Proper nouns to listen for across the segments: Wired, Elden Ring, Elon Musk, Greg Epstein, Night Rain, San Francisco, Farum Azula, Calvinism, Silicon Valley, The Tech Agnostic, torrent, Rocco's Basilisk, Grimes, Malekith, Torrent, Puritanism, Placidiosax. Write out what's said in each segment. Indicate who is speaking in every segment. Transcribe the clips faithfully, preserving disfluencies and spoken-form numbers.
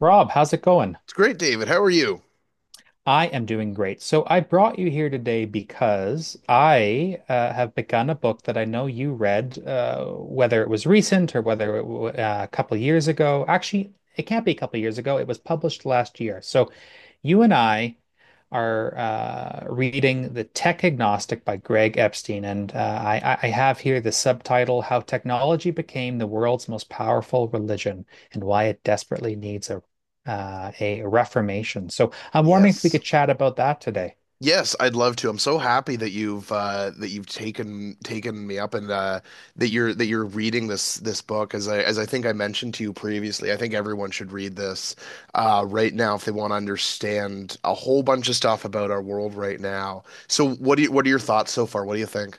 Speaker 1: Rob, how's it going?
Speaker 2: It's great, David. How are you?
Speaker 1: I am doing great. So I brought you here today because I uh, have begun a book that I know you read, uh, whether it was recent or whether it w uh, a couple years ago. Actually, it can't be a couple years ago. It was published last year. So you and I are uh, reading The Tech Agnostic by Greg Epstein. And uh, I, I have here the subtitle How Technology Became the World's Most Powerful Religion and Why It Desperately Needs a, uh, a Reformation. So I'm wondering if we
Speaker 2: Yes.
Speaker 1: could chat about that today.
Speaker 2: Yes, I'd love to. I'm so happy that you've uh that you've taken taken me up and uh that you're that you're reading this this book as I as I think I mentioned to you previously. I think everyone should read this uh right now if they want to understand a whole bunch of stuff about our world right now. So what do you, what are your thoughts so far? What do you think?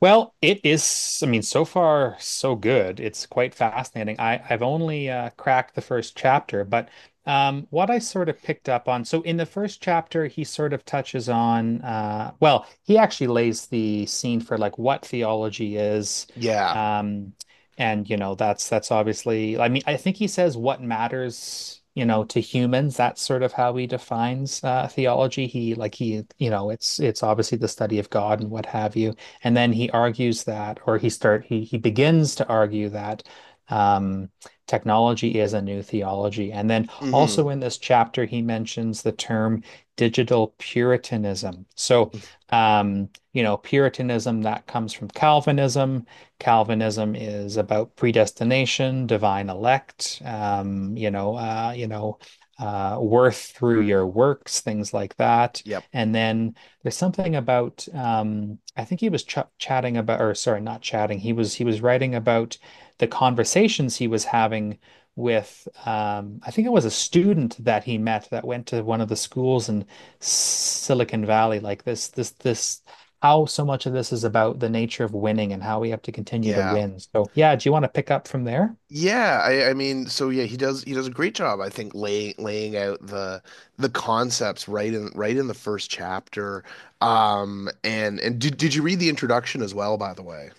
Speaker 1: Well, it is, I mean, so far so good. It's quite fascinating. I, I've only uh, cracked the first chapter, but um, what I sort of picked up on, so in the first chapter, he sort of touches on, uh, well, he actually lays the scene for like what theology is.
Speaker 2: Yeah.
Speaker 1: Um, and you know, that's that's obviously, I mean, I think he says what matters, you know, to humans. That's sort of how he defines uh, theology. He like he, you know, it's it's obviously the study of God and what have you. And then he argues that, or he start he he begins to argue that um, technology is a new theology. And then
Speaker 2: Hmm.
Speaker 1: also in this chapter, he mentions the term digital Puritanism. So, um, you know, Puritanism that comes from Calvinism. Calvinism is about predestination, divine elect, um, you know, uh, you know, uh, worth through your works, things like that.
Speaker 2: Yep.
Speaker 1: And then there's something about um, I think he was ch chatting about, or sorry, not chatting. He was he was writing about the conversations he was having with um, I think it was a student that he met that went to one of the schools in Silicon Valley. Like this, this, this, how so much of this is about the nature of winning and how we have to continue to
Speaker 2: Yeah.
Speaker 1: win. So yeah, do you want to pick up from there?
Speaker 2: Yeah, I, I mean, so yeah, he does he does a great job, I think, laying laying out the the concepts right in right in the first chapter. Um, and and did did you read the introduction as well, by the way?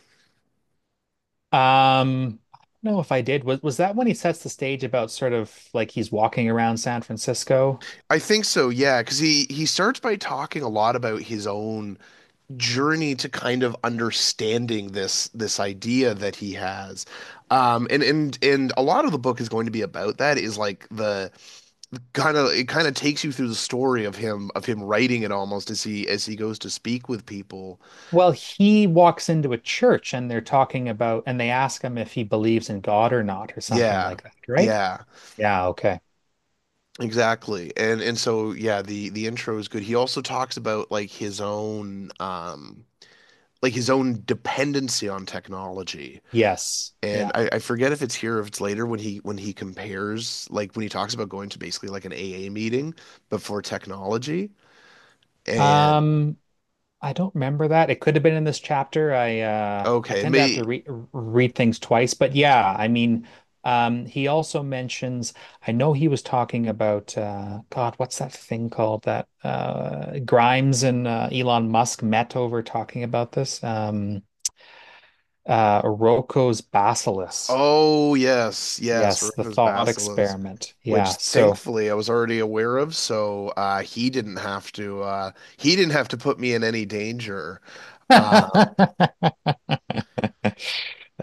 Speaker 1: Um, I don't know if I did. Was was that when he sets the stage about sort of like he's walking around San Francisco?
Speaker 2: I think so, yeah, because he he starts by talking a lot about his own journey to kind of understanding this this idea that he has. Um, and and and a lot of the book is going to be about that, is like the kind of it kind of takes you through the story of him of him writing it almost as he as he goes to speak with people.
Speaker 1: Well, he walks into a church and they're talking about, and they ask him if he believes in God or not, or something
Speaker 2: Yeah.
Speaker 1: like that, right?
Speaker 2: Yeah,
Speaker 1: Yeah, okay.
Speaker 2: exactly. And and so yeah, the the intro is good. He also talks about like his own um like his own dependency on technology.
Speaker 1: Yes.
Speaker 2: And
Speaker 1: Yeah.
Speaker 2: I, I forget if it's here or if it's later when he when he compares, like when he talks about going to basically like an A A meeting but for technology. And
Speaker 1: Um, I don't remember that. It could have been in this chapter. I uh I
Speaker 2: okay,
Speaker 1: tend to have
Speaker 2: may
Speaker 1: to re read things twice, but yeah, I mean, um he also mentions I know he was talking about uh God, what's that thing called that uh Grimes and uh, Elon Musk met over talking about this? Um Uh, Rocco's Basilisk.
Speaker 2: Oh, yes, yes,
Speaker 1: Yes, the
Speaker 2: Rocco's
Speaker 1: thought
Speaker 2: Basilisk,
Speaker 1: experiment.
Speaker 2: which
Speaker 1: Yeah, so
Speaker 2: thankfully I was already aware of, so uh, he didn't have to uh, he didn't have to put me in any danger. Um,
Speaker 1: that's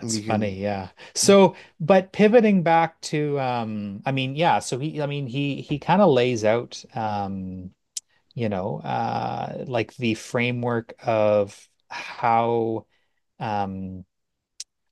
Speaker 2: we can,
Speaker 1: funny. Yeah. So, but pivoting back to, um, I mean, yeah. So he, I mean, he he kind of lays out, um, you know, uh, like the framework of how um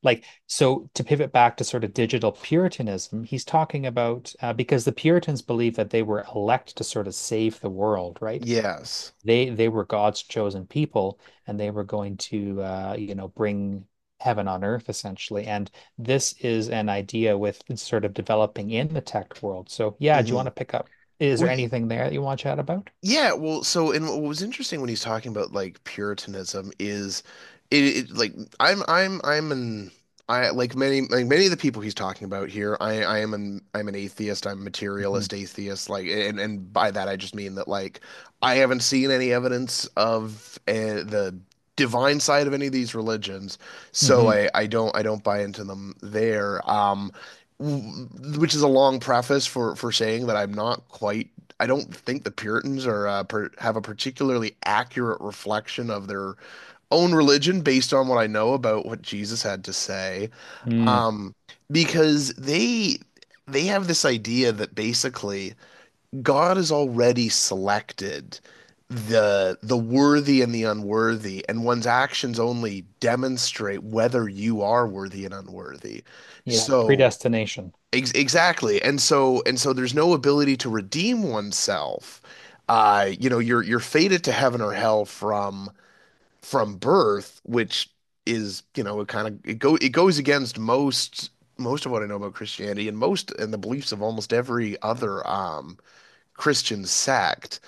Speaker 1: like, so to pivot back to sort of digital Puritanism, he's talking about uh, because the Puritans believed that they were elect to sort of save the world, right?
Speaker 2: yes.
Speaker 1: They they were God's chosen people, and they were going to, uh, you know, bring heaven on earth essentially. And this is an idea with sort of developing in the tech world. So yeah, do you want
Speaker 2: Hmm.
Speaker 1: to pick up? Is there anything there that you want to chat about?
Speaker 2: Yeah, well, so and what was interesting when he's talking about like Puritanism is it, it like I'm I'm I'm an I like many like many of the people he's talking about here, I I am an I'm an atheist, I'm
Speaker 1: Hmm.
Speaker 2: materialist atheist, like, and and by that I just mean that like I haven't seen any evidence of uh, the divine side of any of these religions, so
Speaker 1: Hmm.
Speaker 2: I I don't I don't buy into them there. Um w- which is a long preface for for saying that I'm not quite. I don't think the Puritans are uh, per have a particularly accurate reflection of their own religion based on what I know about what Jesus had to say.
Speaker 1: Mm.
Speaker 2: Um, because they they have this idea that basically God has already selected the the worthy and the unworthy, and one's actions only demonstrate whether you are worthy and unworthy.
Speaker 1: Yeah,
Speaker 2: So
Speaker 1: predestination.
Speaker 2: Ex- exactly. And so, and so there's no ability to redeem oneself. Uh, you know, you're you're fated to heaven or hell from from birth, which is, you know, it kind of it go it goes against most, most of what I know about Christianity, and most and the beliefs of almost every other um Christian sect.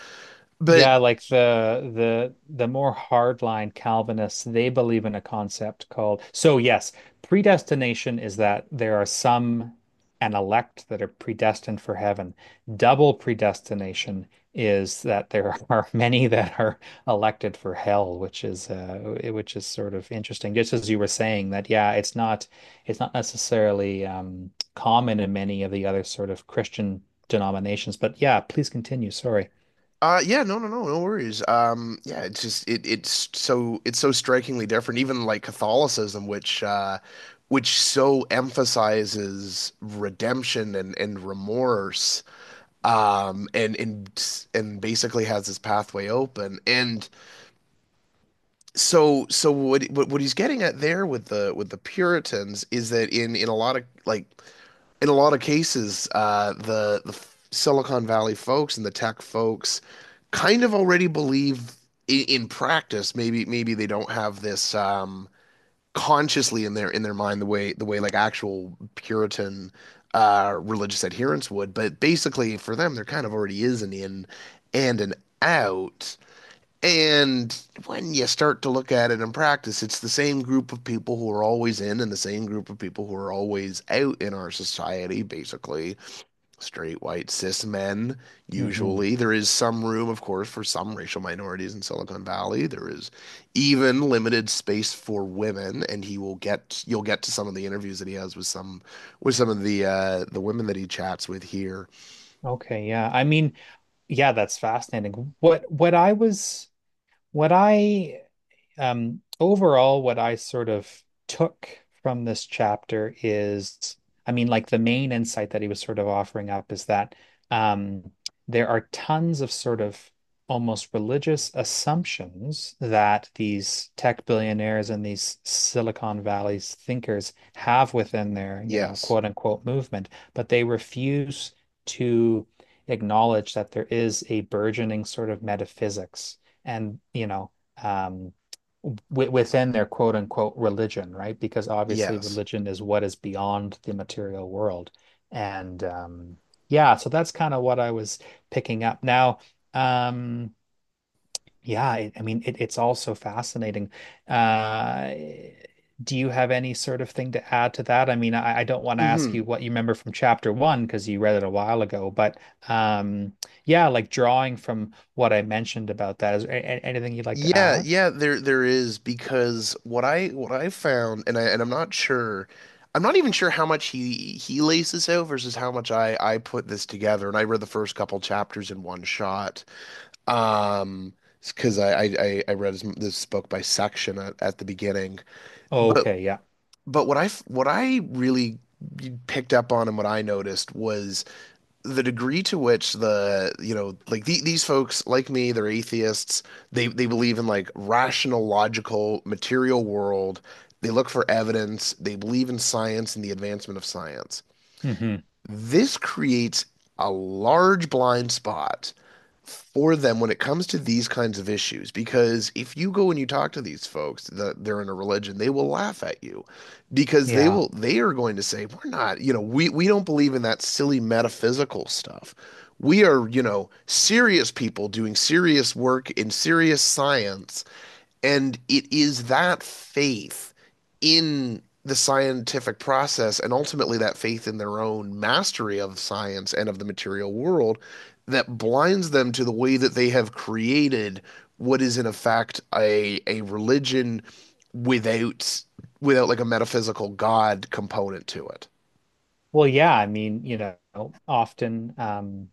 Speaker 2: But
Speaker 1: Yeah, like the the the more hardline Calvinists, they believe in a concept called so yes, predestination is that there are some an elect that are predestined for heaven. Double predestination is that there are many that are elected for hell, which is uh which is sort of interesting. Just as you were saying that yeah, it's not it's not necessarily um common in many of the other sort of Christian denominations, but yeah, please continue. Sorry.
Speaker 2: Uh yeah, no no no no worries. Um yeah, it's just it it's so it's so strikingly different, even like Catholicism, which uh which so emphasizes redemption and and remorse, um and and and basically has this pathway open. And so so what what what he's getting at there with the with the Puritans is that in in a lot of like in a lot of cases, uh, the the Silicon Valley folks and the tech folks kind of already believe in, in practice. Maybe maybe they don't have this um, consciously in their in their mind the way the way like actual Puritan uh, religious adherents would. But basically, for them, there kind of already is an in and an out. And when you start to look at it in practice, it's the same group of people who are always in and the same group of people who are always out in our society, basically straight, white, cis men,
Speaker 1: Mhm.
Speaker 2: usually. There is some room, of course, for some racial minorities in Silicon Valley. There is even limited space for women, and he will get you'll get to some of the interviews that he has with some, with some of the uh the women that he chats with here.
Speaker 1: Okay, yeah. I mean, yeah, that's fascinating. What what I was what I um Overall, what I sort of took from this chapter is I mean like the main insight that he was sort of offering up is that um there are tons of sort of almost religious assumptions that these tech billionaires and these Silicon Valley's thinkers have within their, you know,
Speaker 2: Yes.
Speaker 1: quote unquote movement, but they refuse to acknowledge that there is a burgeoning sort of metaphysics and you know um, w within their quote unquote religion, right? Because obviously
Speaker 2: Yes.
Speaker 1: religion is what is beyond the material world, and um, yeah, so that's kind of what I was picking up now. Um, yeah, I, I mean, it, it's all so fascinating. Uh, do you have any sort of thing to add to that? I mean, I, I don't want to ask
Speaker 2: Hmm.
Speaker 1: you what you remember from chapter one because you read it a while ago, but um, yeah, like drawing from what I mentioned about that, is there a- anything you'd like to
Speaker 2: Yeah,
Speaker 1: add?
Speaker 2: yeah, there there is, because what I what I found, and I and I'm not sure, I'm not even sure how much he he lays this out versus how much I I put this together, and I read the first couple chapters in one shot. Um because I, I I I read his, this book by section at, at the beginning. But
Speaker 1: Okay, yeah.
Speaker 2: but what I f- what I really picked up on and what I noticed was the degree to which the, you know, like the, these folks like me, they're atheists, they they believe in like rational, logical material world, they look for evidence, they believe in science and the advancement of science.
Speaker 1: Hmm.
Speaker 2: This creates a large blind spot for them when it comes to these kinds of issues, because if you go and you talk to these folks that they're in a religion, they will laugh at you, because they
Speaker 1: Yeah.
Speaker 2: will, they are going to say, we're not, you know, we we don't believe in that silly metaphysical stuff, we are, you know, serious people doing serious work in serious science. And it is that faith in the scientific process, and ultimately that faith in their own mastery of science and of the material world, that blinds them to the way that they have created what is in effect a a religion without, without like a metaphysical God component to it.
Speaker 1: Well, yeah, I mean, you know, often um,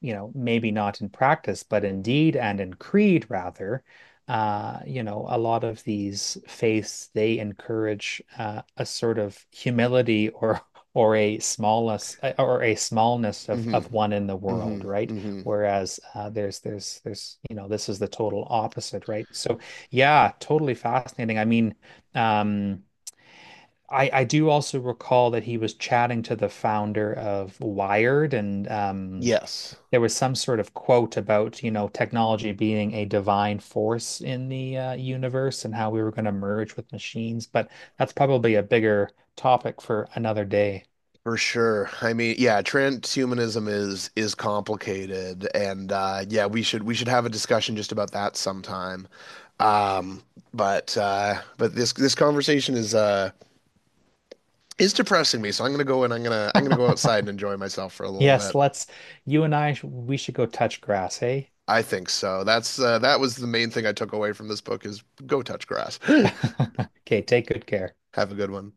Speaker 1: you know, maybe not in practice, but in deed and in creed, rather, uh, you know, a lot of these faiths, they encourage uh, a sort of humility or or a smallness uh, or a smallness of of
Speaker 2: Hmm.
Speaker 1: one in the world,
Speaker 2: Hmm.
Speaker 1: right?
Speaker 2: Hmm.
Speaker 1: Whereas uh, there's there's there's you know, this is the total opposite, right? So yeah, totally fascinating. I mean, um, I, I do also recall that he was chatting to the founder of Wired and um,
Speaker 2: Yes.
Speaker 1: there was some sort of quote about, you know, technology being a divine force in the uh, universe and how we were going to merge with machines, but that's probably a bigger topic for another day.
Speaker 2: For sure. I mean, yeah, transhumanism is is complicated, and uh yeah, we should we should have a discussion just about that sometime. Um but uh but this this conversation is uh is depressing me, so I'm gonna go, and I'm gonna I'm gonna go outside and enjoy myself for a little
Speaker 1: Yes,
Speaker 2: bit.
Speaker 1: let's, you and I, we should go touch grass, hey?
Speaker 2: I think so. That's uh that was the main thing I took away from this book is go touch grass.
Speaker 1: Okay, take good care.
Speaker 2: Have a good one.